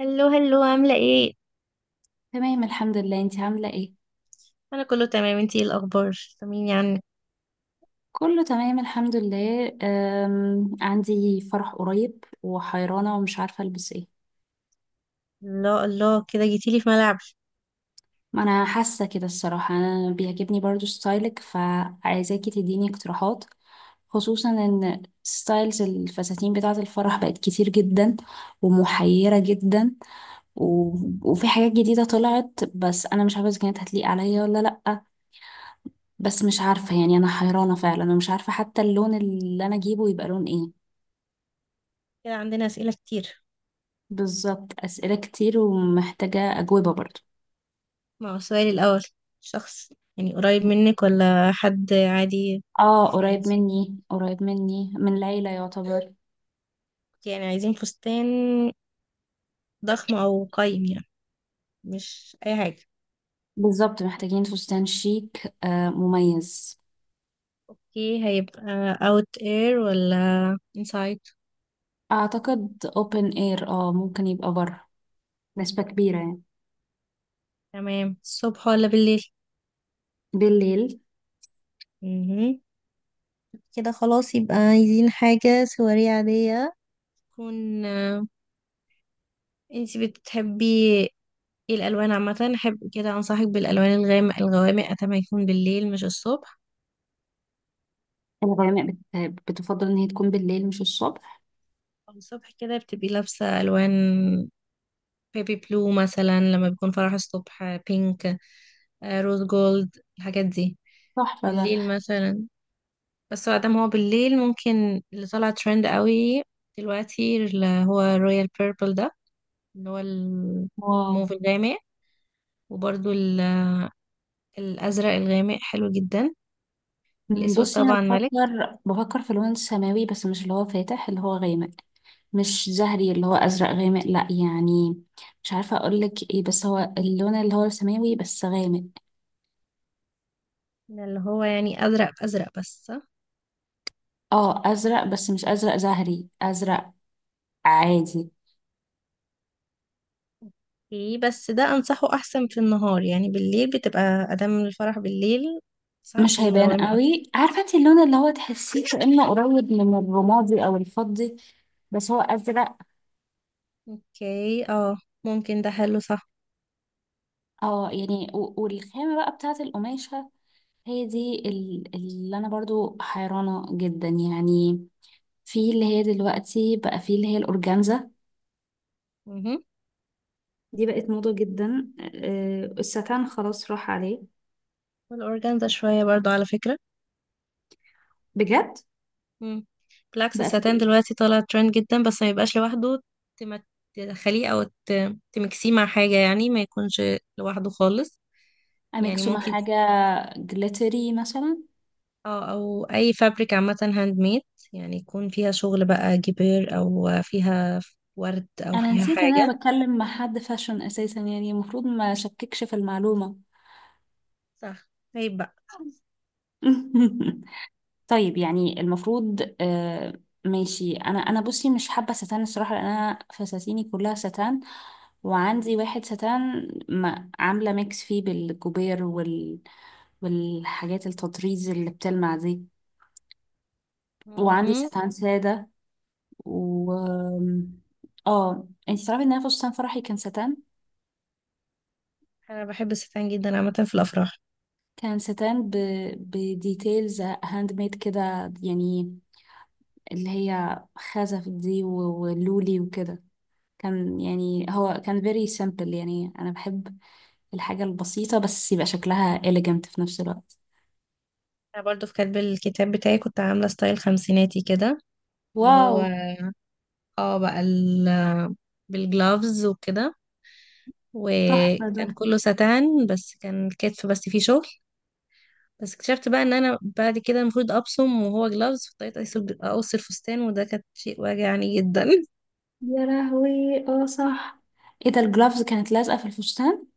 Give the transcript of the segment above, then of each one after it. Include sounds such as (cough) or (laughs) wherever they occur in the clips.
هلو هلو، عاملة ايه؟ تمام، الحمد لله. انتي عاملة ايه؟ انا كله تمام، انتي ايه الاخبار؟ طمني عنك. كله تمام الحمد لله. عندي فرح قريب وحيرانة ومش عارفة البس ايه. الله الله، كده جيتيلي في ملعب. ما انا حاسة كده الصراحة، انا بيعجبني برضو ستايلك، فعايزاكي تديني اقتراحات، خصوصا ان ستايلز الفساتين بتاعة الفرح بقت كتير جدا ومحيرة جدا. و... وفي حاجات جديدة طلعت بس انا مش عارفة اذا كانت هتليق عليا ولا لأ. بس مش عارفة، يعني انا حيرانة فعلا، انا مش عارفة حتى اللون اللي انا اجيبه يبقى لون ايه. كده عندنا اسئلة كتير. بالظبط، أسئلة كتير ومحتاجة أجوبة برضو. مع السؤال الاول، شخص يعني قريب منك ولا حد عادي؟ اه، قريب فريندز؟ مني قريب مني، من العيلة يعتبر. يعني عايزين فستان ضخم او قايم يعني، مش اي حاجة. بالظبط، محتاجين فستان شيك، مميز. اوكي، هيبقى اوت اير ولا انسايد؟ أعتقد open air، ممكن يبقى بره، نسبة كبيرة يعني. تمام، الصبح ولا بالليل؟ بالليل. مهم. كده خلاص يبقى عايزين حاجة سواري عادية تكون. انتي بتحبي ايه الالوان عامه؟ احب كده انصحك بالالوان الغامق الغوامق، اتمنى يكون بالليل مش الصبح. الغيماء. بتفضل إن هي تكون بالليل مش الصبح. أو الصبح كده بتبقي لابسه الوان بيبي بلو مثلا، لما بيكون فرح الصبح بينك روز جولد الحاجات دي. تحفة ده. بالليل مثلا، بس بعد ما دام هو بالليل، ممكن اللي طلع ترند قوي دلوقتي اللي هو رويال بيربل ده، اللي هو واو. الموف الغامق. وبرده الازرق الغامق حلو جدا. الاسود بصي، انا طبعا ملك. بفكر في لون سماوي، بس مش اللي هو فاتح، اللي هو غامق. مش زهري، اللي هو ازرق غامق، لا يعني. مش عارفه اقول لك ايه، بس هو اللون اللي هو السماوي بس غامق. اللي هو يعني ازرق في ازرق بس، صح؟ اه، ازرق بس مش ازرق زهري، ازرق عادي. ايه بس ده انصحه احسن في النهار، يعني بالليل بتبقى ادام الفرح بالليل صحك مش هيبان الغوامق اكتر. قوي، عارفه انت اللون اللي هو تحسيه كانه قريب من الرمادي او الفضي، بس هو ازرق. اوكي، اه ممكن ده حلو، صح؟ اه، يعني والخامه بقى بتاعه القماشه، هي دي اللي انا برضو حيرانه جدا يعني. في اللي هي دلوقتي، بقى في اللي هي الأورجانزا. مهم. دي بقت موضة جدا. الستان خلاص راح عليه. والاورجانزا شويه برضو على فكره. بجد. مم. بالعكس بقى في الستان ايه؟ دلوقتي طالع ترند جدا، بس ما يبقاش لوحده. تم- تدخليه او تمكسيه مع حاجه، يعني ما يكونش لوحده خالص. يعني أميكسو مع ممكن حاجة. جليتري مثلا. اه، او اي فابريك عامة هاند ميد، يعني يكون فيها شغل بقى جبير او فيها ورد او أنا فيها نسيت إن حاجة. أنا بتكلم مع حد فاشن أساسا، يعني المفروض ما شككش في المعلومة. صح. طيب بقى. (laughs) طيب، يعني المفروض. ماشي. أنا بصي مش حابة ستان الصراحة، لأن أنا فساتيني كلها ستان. وعندي واحد ستان ما عاملة ميكس فيه بالجوبير والحاجات، التطريز اللي بتلمع دي. وعندي مهم. ستان سادة، و اه انت تعرفي ان انا فستان فرحي كان ستان. انا بحب الستان جدا عامة في الافراح. كان ستان بديتيلز هاند ميد كده، يعني اللي هي خزف دي ولولي وكده. كان، يعني هو كان very simple، يعني انا بحب الحاجة البسيطة بس يبقى شكلها elegant في نفس الوقت. انا برضو في كاتب الكتاب بتاعي كنت عاملة ستايل خمسيناتي كده، اللي واو، هو اه، بقى ال بالجلافز وكده. تحفة وكان ده. كله ستان بس كان الكتف بس فيه شغل. بس اكتشفت بقى ان انا بعد كده المفروض ابصم وهو جلافز، فاضطريت اقص أقص الفستان، وده كان شيء واجعني جدا. يا لهوي. اه، صح. ايه ده، الجلافز كانت لازقة في الفستان؟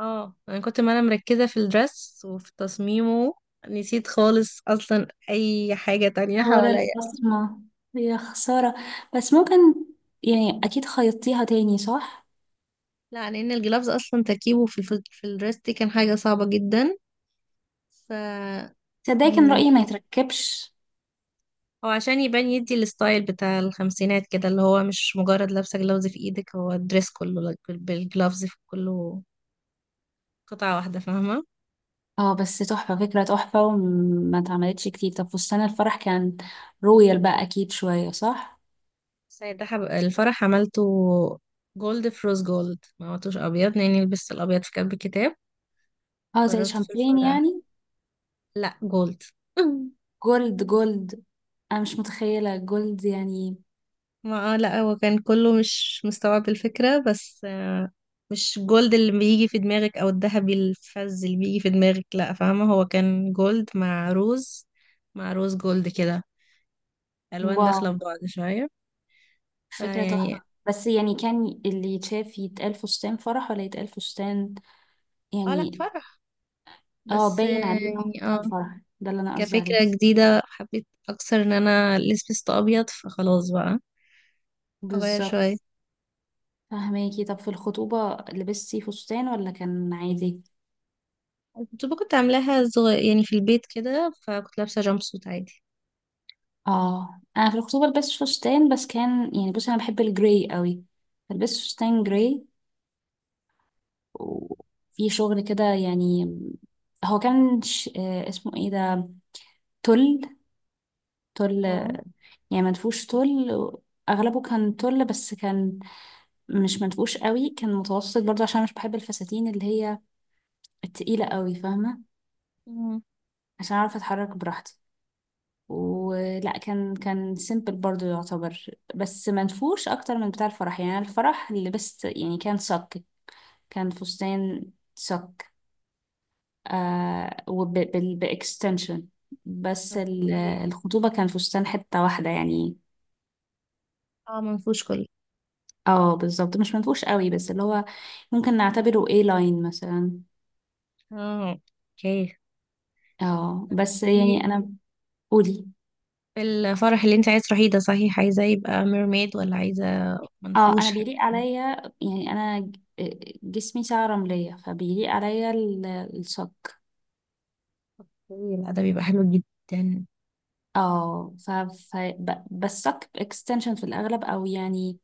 اه، انا ما انا مركزة في الدرس وفي تصميمه، نسيت خالص اصلا اي حاجة تانية ورا حواليا. البصمة، يا خسارة. بس ممكن، يعني أكيد خيطتيها تاني صح؟ لا، لان الجلافز اصلا تركيبه في في الدرس دي كان حاجة صعبة جدا. ف... تصدقي كان مم، رأيي ما يتركبش. هو عشان يبان يدي الستايل بتاع الخمسينات كده، اللي هو مش مجرد لابسة جلافز في ايدك، هو الدرس كله بالجلافز في كله، قطعة واحدة، فاهمة؟ اه، بس تحفة، فكرة تحفة وما اتعملتش كتير. طب فستان الفرح كان رويال بقى أكيد شوية، صح؟ بس ده حب... الفرح عملته جولد في روز جولد، ما عملتوش ابيض لاني لبست الابيض في كتب الكتاب. اه، زي قررت في شامبين الفرح يعني. لا جولد. (laughs) جولد جولد، أنا مش متخيلة جولد يعني. ما لا هو كان كله مش مستوعب الفكرة، بس مش جولد اللي بيجي في دماغك او الذهبي الفز اللي بيجي في دماغك، لا فاهمة، هو كان جولد مع روز، مع روز جولد كده، الوان واو، داخلة في بعض شوية. فكرة تحفة. فيعني... بس يعني كان اللي يتشاف يتقال فستان فرح ولا يتقال فستان اه لا، يعني. فرح. اه، بس باين عليه إنه يعني فستان اه. فرح، ده اللي أنا قصدي عليه. كفكرة جديدة حبيت اكثر ان انا لبست ابيض، فخلاص بقى اغير بالظبط، شوية. فهماكي. طب في الخطوبة لبستي فستان ولا كان عادي؟ كنت عاملاها صغير يعني في البيت كده، فكنت لابسة جامب سوت عادي. اه، انا في الخطوبة لبست فستان، بس كان يعني بصي انا بحب الجراي قوي، فلبست فستان جراي وفي شغل كده يعني. هو كان اسمه ايه ده، تل. تل، اه. يعني منفوش تل. اغلبه كان تل، بس كان مش منفوش قوي، كان متوسط برضه عشان مش بحب الفساتين اللي هي التقيلة قوي، فاهمة؟ عشان اعرف اتحرك براحتي، ولا كان سيمبل برضو يعتبر، بس منفوش اكتر من بتاع الفرح. يعني أنا الفرح اللي لبست يعني كان صك. كان فستان صك وباكستنشن. بس اوكي. الخطوبة كان فستان حتة واحدة يعني. اه، منفوش كله. اه، بالظبط، مش منفوش قوي، بس اللي هو ممكن نعتبره اي لاين مثلا. اه. اوكي، اه، بس قولي يعني انا. قولي. لي الفرح اللي انت عايز تروحيه ده صحيح، عايزة يبقى ميرميد ولا عايزة اه، انا منفوش بيليق حتى؟ عليا، يعني انا جسمي ساعة رملية، فبيليق عليا الصك. اوكي، لا ده بيبقى حلو جدا. اه، بس صك اكستنشن في الاغلب، او يعني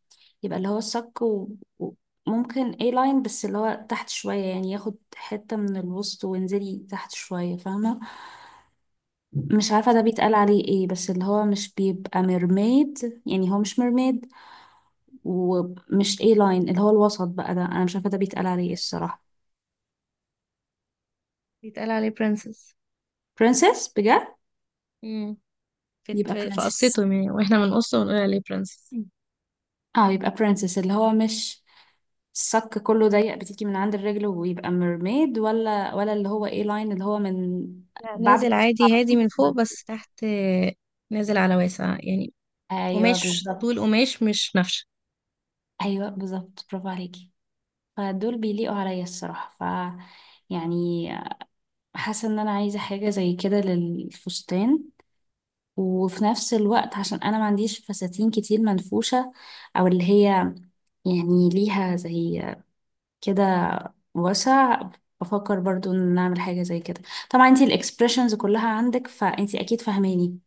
يبقى اللي هو الصك و- ممكن اي لاين، بس اللي هو تحت شوية، يعني ياخد حتة من الوسط وانزلي تحت شوية، فاهمة؟ مش عارفة اوكي. ده بيتقال عليه ايه، بس اللي هو مش بيبقى ميرميد، يعني هو مش ميرميد. ومش اي لاين، اللي هو الوسط بقى ده انا مش عارفة ده بيتقال عليه ايه الصراحة. بيتقال عليه برنسس. برنسس، بجد؟ امم، في يبقى في في برنسس. قصته يعني، واحنا بنقصه ونقول عليه برنسس. اه يبقى برنسس، اللي هو مش الصك كله ضيق بتيجي من عند الرجل ويبقى ميرميد، ولا اللي هو ايه لاين اللي هو من لا بعد نازل الوسط على عادي، هادي طول. من فوق بس تحت نازل على واسع يعني، ايوه قماش بالظبط. طول قماش مش نفش. ايوه بالظبط، برافو عليكي. فدول بيليقوا عليا الصراحه، ف يعني حاسه ان انا عايزه حاجه زي كده للفستان، وفي نفس الوقت عشان انا ما عنديش فساتين كتير منفوشه، او اللي هي يعني ليها زي كده واسع، بفكر برضو ان نعمل حاجة زي كده. طبعا انتي الاكسبريشنز كلها عندك، فانتي اكيد فاهماني.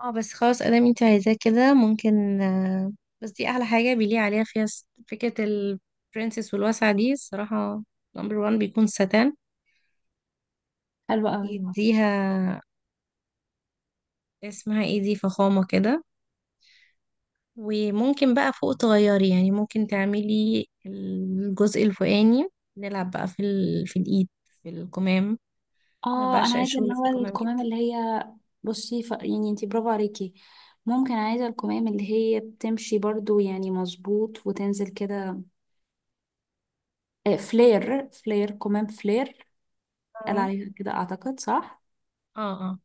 اه بس خلاص، ادام انت عايزاه كده ممكن بس دي احلى حاجه بيليق عليها، فيها فكره البرنسس والواسعه دي الصراحه. نمبر وان بيكون ساتان، حلو قوي. يديها اسمها ايه دي، فخامه كده. وممكن بقى فوق تغيري، يعني ممكن تعملي الجزء الفوقاني، نلعب بقى في ال... في الايد، في الكمام. انا اه، انا بعشق عايزة اللي الشغل في هو الكمام الكمام جدا. اللي هي. بصي يعني انتي برافو عليكي. ممكن عايزة الكمام اللي هي بتمشي برضو، يعني مظبوط وتنزل كده. فلير، فلير، كمام فلير. قال اه عليها كده اعتقد، صح؟ اه. اه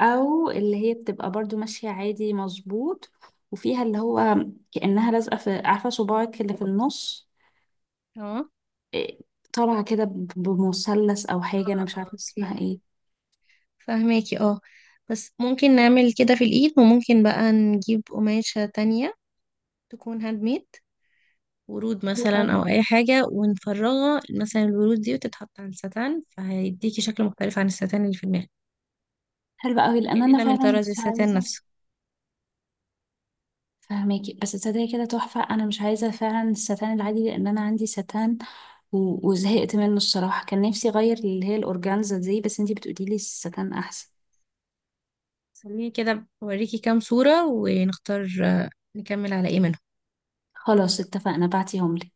او اللي هي بتبقى برضو ماشية عادي مظبوط، وفيها اللي هو كأنها لازقة في، عارفة صباعك اللي في النص؟ اه. إيه، طالعة كده بمثلث أو حاجة، أنا مش عارفة اسمها اوكي. ايه. فهماكي، اه. بس ممكن نعمل كده في الايد، وممكن بقى نجيب قماشة تانية تكون هاند ميد، ورود حلوة مثلا أوي. او اي حاجة، ونفرغها مثلا الورود دي وتتحط على الستان، فهيديكي شكل مختلف عن الستان اللي في دماغك، حلوة أوي، لأن أنا كأننا من فعلا طراز مش الستان عايزة. نفسه. فهماكي، بس تصدقي كده تحفة، أنا مش عايزة فعلا الستان العادي، لأن أنا عندي ستان وزهقت منه الصراحة، كان نفسي أغير اللي هي الأورجانزا دي، بس انتي بتقوليلي الستان أحسن. خليني كده بوريكي كام صورة ونختار نكمل على ايه منهم. خلاص اتفقنا، بعتيهم لي.